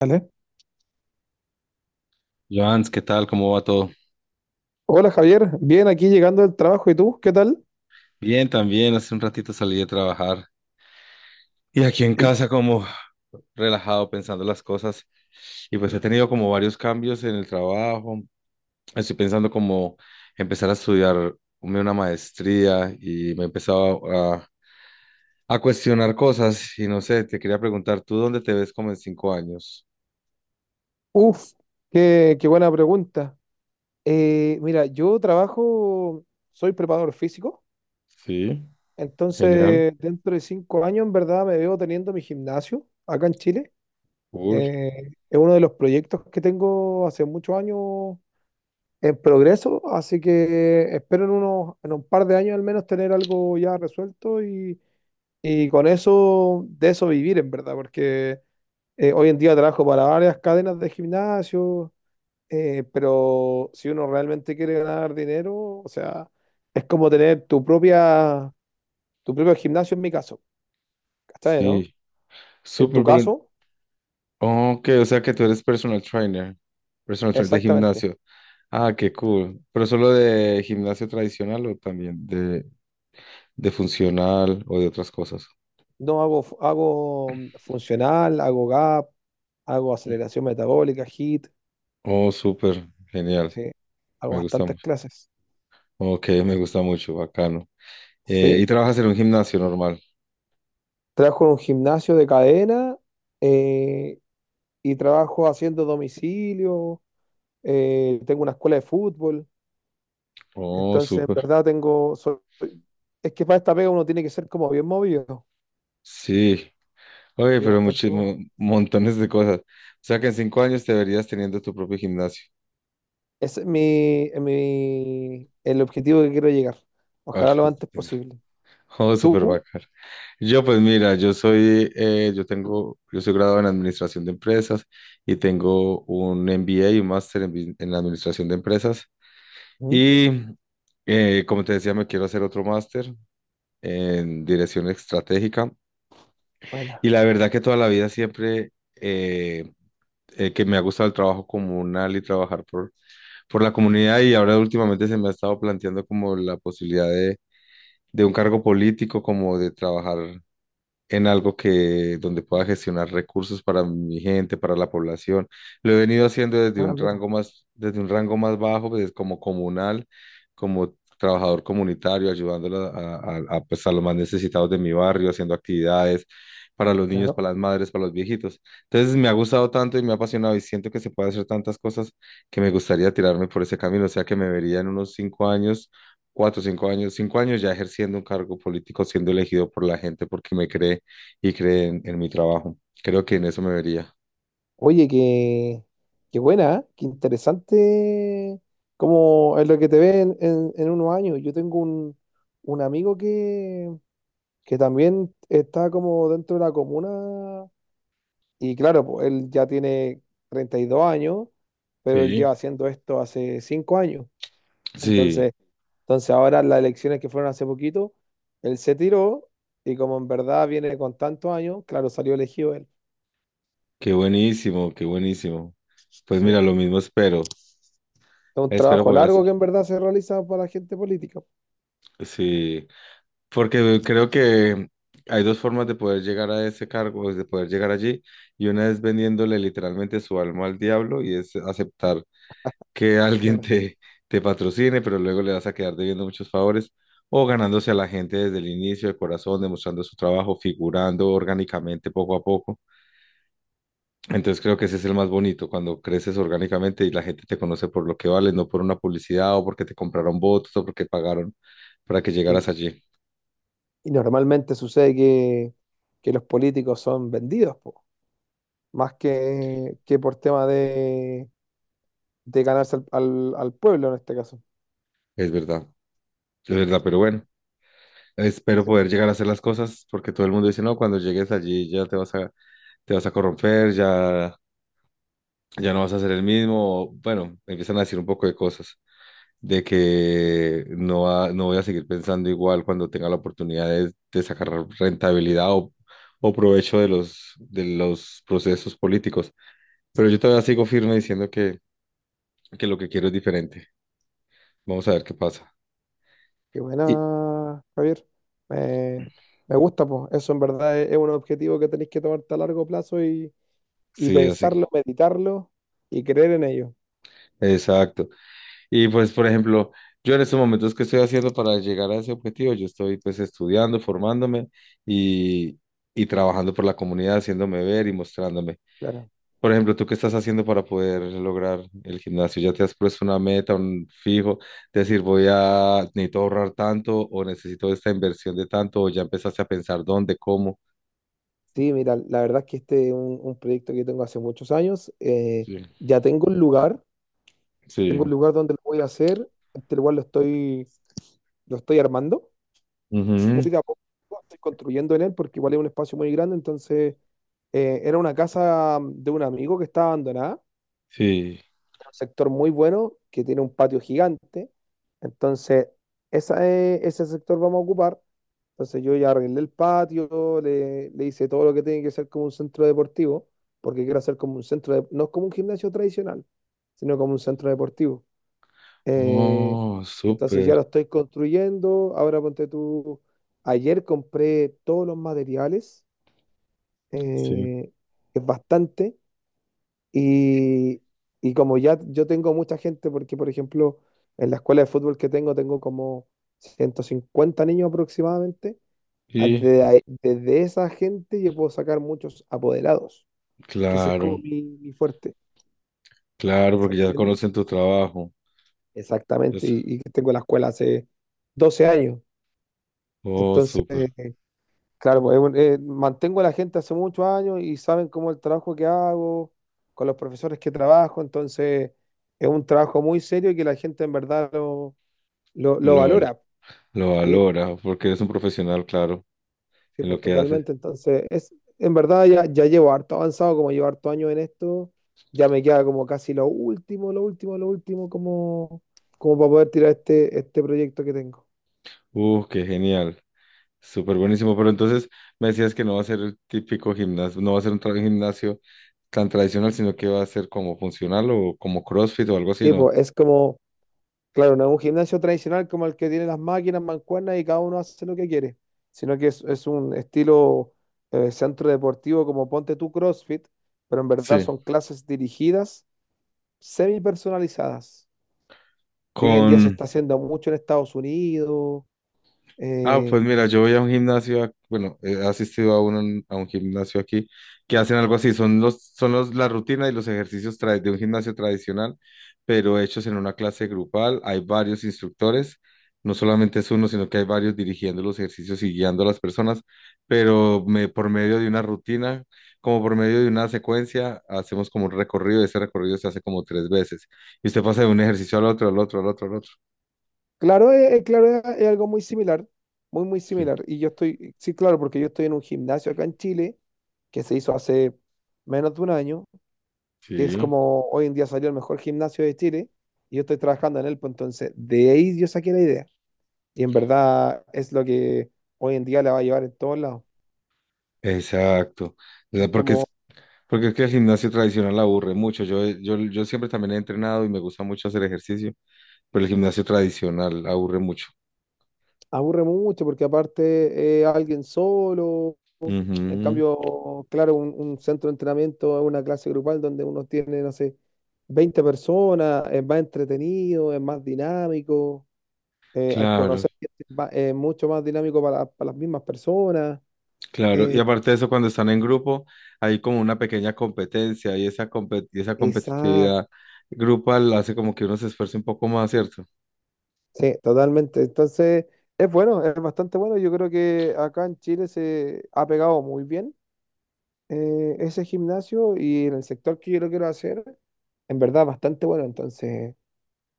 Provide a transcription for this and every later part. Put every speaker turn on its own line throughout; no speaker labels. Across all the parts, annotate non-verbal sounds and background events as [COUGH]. Dale.
Joans, ¿qué tal? ¿Cómo va todo?
Hola Javier, bien aquí llegando del trabajo. ¿Y tú? ¿Qué tal?
Bien, también. Hace un ratito salí de trabajar y aquí en
Y-
casa como relajado pensando las cosas. Y pues he tenido como varios cambios en el trabajo. Estoy pensando como empezar a estudiar una maestría y me he empezado a cuestionar cosas. Y no sé, te quería preguntar, ¿tú dónde te ves como en cinco años?
Uf, qué buena pregunta. Mira, yo trabajo, soy preparador físico,
Sí, genial,
entonces dentro de 5 años en verdad me veo teniendo mi gimnasio acá en Chile.
cool.
Es uno de los proyectos que tengo hace muchos años en progreso, así que espero en en un par de años al menos tener algo ya resuelto y con eso, de eso vivir en verdad, porque... hoy en día trabajo para varias cadenas de gimnasio, pero si uno realmente quiere ganar dinero, o sea, es como tener tu tu propio gimnasio en mi caso, ¿cachai, no?
Sí,
En tu
súper. Pero
caso,
ok, o sea que tú eres personal trainer de
exactamente.
gimnasio. Ah, qué cool. ¿Pero solo de gimnasio tradicional o también de funcional o de otras cosas?
No hago, hago funcional, hago gap, hago aceleración metabólica, HIIT,
Oh, súper, genial.
sí, hago
Me gusta
bastantes
mucho.
clases.
Ok, me gusta mucho, bacano. ¿Y
Sí,
trabajas en un gimnasio normal?
trabajo en un gimnasio de cadena eh, y trabajo haciendo domicilio, tengo una escuela de fútbol.
Oh,
Entonces, en
súper.
verdad tengo... es que para esta pega uno tiene que ser como bien movido.
Sí. Oye,
Y
pero
bastante
muchísimos,
movido.
montones de cosas. O sea que en cinco años te verías teniendo tu propio gimnasio.
Ese es el objetivo que quiero llegar.
Ah,
Ojalá lo
qué-
antes
[LAUGHS]
posible.
Oh, súper
¿Tú?
bacano. Yo, pues mira, yo soy graduado en administración de empresas y tengo un MBA y un máster en administración de empresas.
Mm,
Y como te decía, me quiero hacer otro máster en dirección estratégica.
buena.
Y la verdad que toda la vida siempre que me ha gustado el trabajo comunal y trabajar por la comunidad y ahora últimamente se me ha estado planteando como la posibilidad de un cargo político, como de trabajar en algo que donde pueda gestionar recursos para mi gente, para la población. Lo he venido haciendo
Ah, mira,
desde un rango más bajo, pues, como comunal, como trabajador comunitario, ayudando a, pues, a los más necesitados de mi barrio, haciendo actividades para los niños,
claro.
para las madres, para los viejitos. Entonces me ha gustado tanto y me ha apasionado y siento que se puede hacer tantas cosas que me gustaría tirarme por ese camino, o sea que me vería en unos cinco años. Cuatro, cinco años ya ejerciendo un cargo político, siendo elegido por la gente porque me cree y creen en mi trabajo. Creo que en eso me vería.
Oye, qué buena, ¿eh? Qué interesante. Como es lo que te ve en, en unos años. Yo tengo un un amigo que también está como dentro de la comuna. Y claro, pues, él ya tiene 32 años, pero él lleva
Sí,
haciendo esto hace 5 años.
sí,
Entonces, entonces ahora las elecciones que fueron hace poquito, él se tiró y como en verdad viene con tantos años, claro, salió elegido él.
qué buenísimo, qué buenísimo. Pues
Sí,
mira,
es
lo mismo espero,
un
espero
trabajo
poder
largo
hacer.
que en verdad se realiza para la gente política,
Sí, porque creo que hay dos formas de poder llegar a ese cargo, de poder llegar allí, y una es vendiéndole literalmente su alma al diablo y es aceptar que [LAUGHS] alguien
claro.
te patrocine, pero luego le vas a quedar debiendo muchos favores, o ganándose a la gente desde el inicio, de corazón, demostrando su trabajo, figurando orgánicamente poco a poco. Entonces creo que ese es el más bonito, cuando creces orgánicamente y la gente te conoce por lo que vales, no por una publicidad o porque te compraron votos o porque pagaron para que
Y,
llegaras allí.
y normalmente sucede que los políticos son vendidos, po, más que por tema de ganarse al, al pueblo en este caso.
Es verdad, es verdad, pero bueno, espero
Sí,
poder llegar a hacer las cosas porque todo el mundo dice, no, cuando llegues allí ya te vas a corromper, ya, ya no vas a ser el mismo. Bueno, empiezan a decir un poco de cosas. De que no, no voy a seguir pensando igual cuando tenga la oportunidad de sacar rentabilidad o provecho de los procesos políticos. Pero yo todavía sigo firme diciendo que lo que quiero es diferente. Vamos a ver qué pasa.
qué
Y
buena, Javier. Me, me gusta, pues. Eso en verdad es un objetivo que tenéis que tomarte a largo plazo y
sí, así.
pensarlo, meditarlo y creer en ello.
Exacto. Y pues, por ejemplo, yo en estos momentos, ¿qué estoy haciendo para llegar a ese objetivo? Yo estoy pues estudiando, formándome y, y trabajando por la comunidad, haciéndome ver y mostrándome.
Claro.
Por ejemplo, ¿tú qué estás haciendo para poder lograr el gimnasio? ¿Ya te has puesto una meta, un fijo? Decir, necesito ahorrar tanto o necesito esta inversión de tanto o ya empezaste a pensar dónde, cómo.
Sí, mira, la verdad es que este es un un, proyecto que tengo hace muchos años.
Sí,
Ya tengo un
sí.
lugar donde lo voy a hacer. Este lugar lo lo estoy armando,
Ujú,
muy de a poco. Estoy construyendo en él porque igual es un espacio muy grande. Entonces, era una casa de un amigo que estaba abandonada,
sí.
un sector muy bueno que tiene un patio gigante. Entonces, ese sector vamos a ocupar. Entonces, yo ya arreglé el patio, le hice todo lo que tiene que ser como un centro deportivo, porque quiero hacer como un centro, no es como un gimnasio tradicional, sino como un centro deportivo. Eh,
Oh,
entonces, ya
súper.
lo estoy construyendo. Ahora ponte tú, ayer compré todos los materiales,
Sí.
eh, es bastante. Y, y como ya yo tengo mucha gente, porque por ejemplo, en la escuela de fútbol que tengo, tengo como 150 niños aproximadamente.
Y
Desde, esa gente yo puedo sacar muchos apoderados, que ese es como
claro,
mi fuerte,
claro,
¿se
porque ya
entiende?
conocen tu trabajo.
Exactamente,
Es-
y tengo la escuela hace 12 años.
Oh,
Entonces,
súper.
claro, pues, es mantengo a la gente hace muchos años y saben cómo el trabajo que hago, con los profesores que trabajo, entonces es un trabajo muy serio y que la gente en verdad lo
Lo, val-
valora.
lo
Sí,
valora porque eres un profesional, claro,
sí,
en lo
pues
que haces.
totalmente. Entonces, es, en verdad ya, ya llevo harto avanzado, como llevo harto años en esto, ya me queda como casi lo último, lo último, lo último, como, como para poder tirar este proyecto que tengo.
Qué genial. Súper buenísimo, pero entonces me decías que no va a ser el típico gimnasio, no va a ser un gimnasio tan tradicional, sino que va a ser como funcional o como CrossFit o algo así,
Sí,
¿no?
pues es como... Claro, no es un gimnasio tradicional como el que tiene las máquinas, mancuernas y cada uno hace lo que quiere, sino que es un estilo centro deportivo como ponte tú CrossFit, pero en verdad
Sí.
son clases dirigidas, semi personalizadas, que hoy en día se
Con
está haciendo mucho en Estados Unidos.
Ah, pues
Eh,
mira, yo voy a un gimnasio, bueno, he asistido a uno, a un gimnasio aquí que hacen algo así, son los, la rutina y los ejercicios de un gimnasio tradicional, pero hechos en una clase grupal, hay varios instructores, no solamente es uno, sino que hay varios dirigiendo los ejercicios y guiando a las personas, pero por medio de una rutina, como por medio de una secuencia, hacemos como un recorrido, ese recorrido se hace como tres veces, y usted pasa de un ejercicio al otro, al otro, al otro, al otro.
claro, claro, es algo muy similar, muy
Sí.
similar. Y yo estoy, sí, claro, porque yo estoy en un gimnasio acá en Chile que se hizo hace menos de un año, que es
Sí.
como hoy en día salió el mejor gimnasio de Chile y yo estoy trabajando en él, pues entonces de ahí yo saqué la idea. Y en verdad es lo que hoy en día la va a llevar en todos lados.
Exacto, o
Es
sea,
como,
porque es que el gimnasio tradicional aburre mucho. Yo siempre también he entrenado y me gusta mucho hacer ejercicio, pero el gimnasio tradicional aburre mucho.
aburre mucho porque aparte alguien solo, en
Ujú,
cambio, claro, un centro de entrenamiento es una clase grupal donde uno tiene, no sé, 20 personas, es más entretenido, es más dinámico, al
claro,
conocer gente es mucho más dinámico para las mismas personas.
claro.
Eh,
Y aparte de eso, cuando están en grupo, hay como una pequeña competencia y esa
exacto.
competitividad grupal hace como que uno se esfuerce un poco más, ¿cierto?
Sí, totalmente. Entonces, es bueno, es bastante bueno. Yo creo que acá en Chile se ha pegado muy bien ese gimnasio y en el sector que yo lo quiero hacer, en verdad, bastante bueno. Entonces,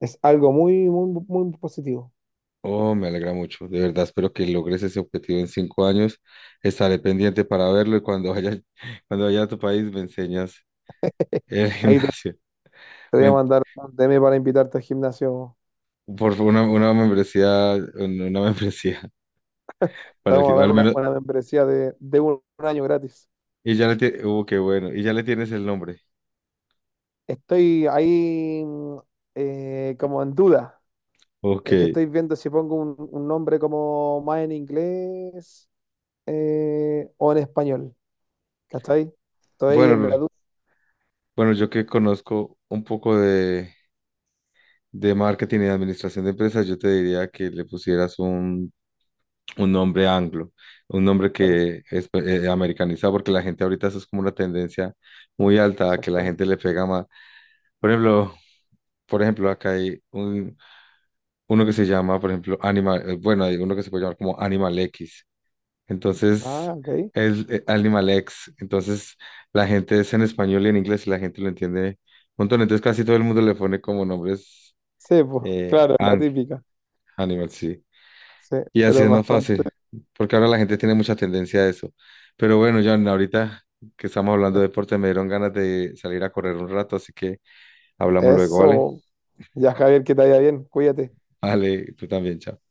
es algo muy, muy, muy positivo.
Oh, me alegra mucho. De verdad, espero que logres ese objetivo en cinco años. Estaré pendiente para verlo y cuando vaya, [LAUGHS] cuando vaya a tu país me enseñas.
[LAUGHS]
El
Ahí
gimnasio.
te voy a
Me-
mandar un DM para invitarte al gimnasio.
por una membresía, una [LAUGHS] membresía
Te
para el
vamos a
gimnasio,
dar
al menos.
una membresía de un año gratis.
Y ya le tienes, qué bueno, y ya le tienes el nombre.
Estoy ahí como en duda.
Ok.
Es que estoy viendo si pongo un nombre como más en inglés o en español, ¿cachai? Estoy en
Bueno,
la duda,
bueno, yo que conozco un poco de marketing y de administración de empresas, yo te diría que le pusieras un nombre anglo, un nombre
claro,
que es americanizado, porque la gente ahorita eso es como una tendencia muy alta, que la gente
exactamente.
le pega más. Por ejemplo, por ejemplo, acá hay un uno que se llama, por ejemplo, Animal, bueno, hay uno que se puede llamar como Animal X. Entonces,
Ah, ok.
es Animal X. Entonces, la gente es en español y en inglés y la gente lo entiende un montón. Entonces, casi todo el mundo le pone como nombres
Sí, pues,
eh,
claro, la
ang-
típica.
Animal, sí.
Sí,
Y así
pero
es más
bastante.
fácil, porque ahora la gente tiene mucha tendencia a eso. Pero bueno, John, ahorita que estamos hablando de deporte, me dieron ganas de salir a correr un rato, así que hablamos luego, ¿vale?
Eso. Ya, Javier, que te vaya bien, cuídate.
Vale, tú también, chao.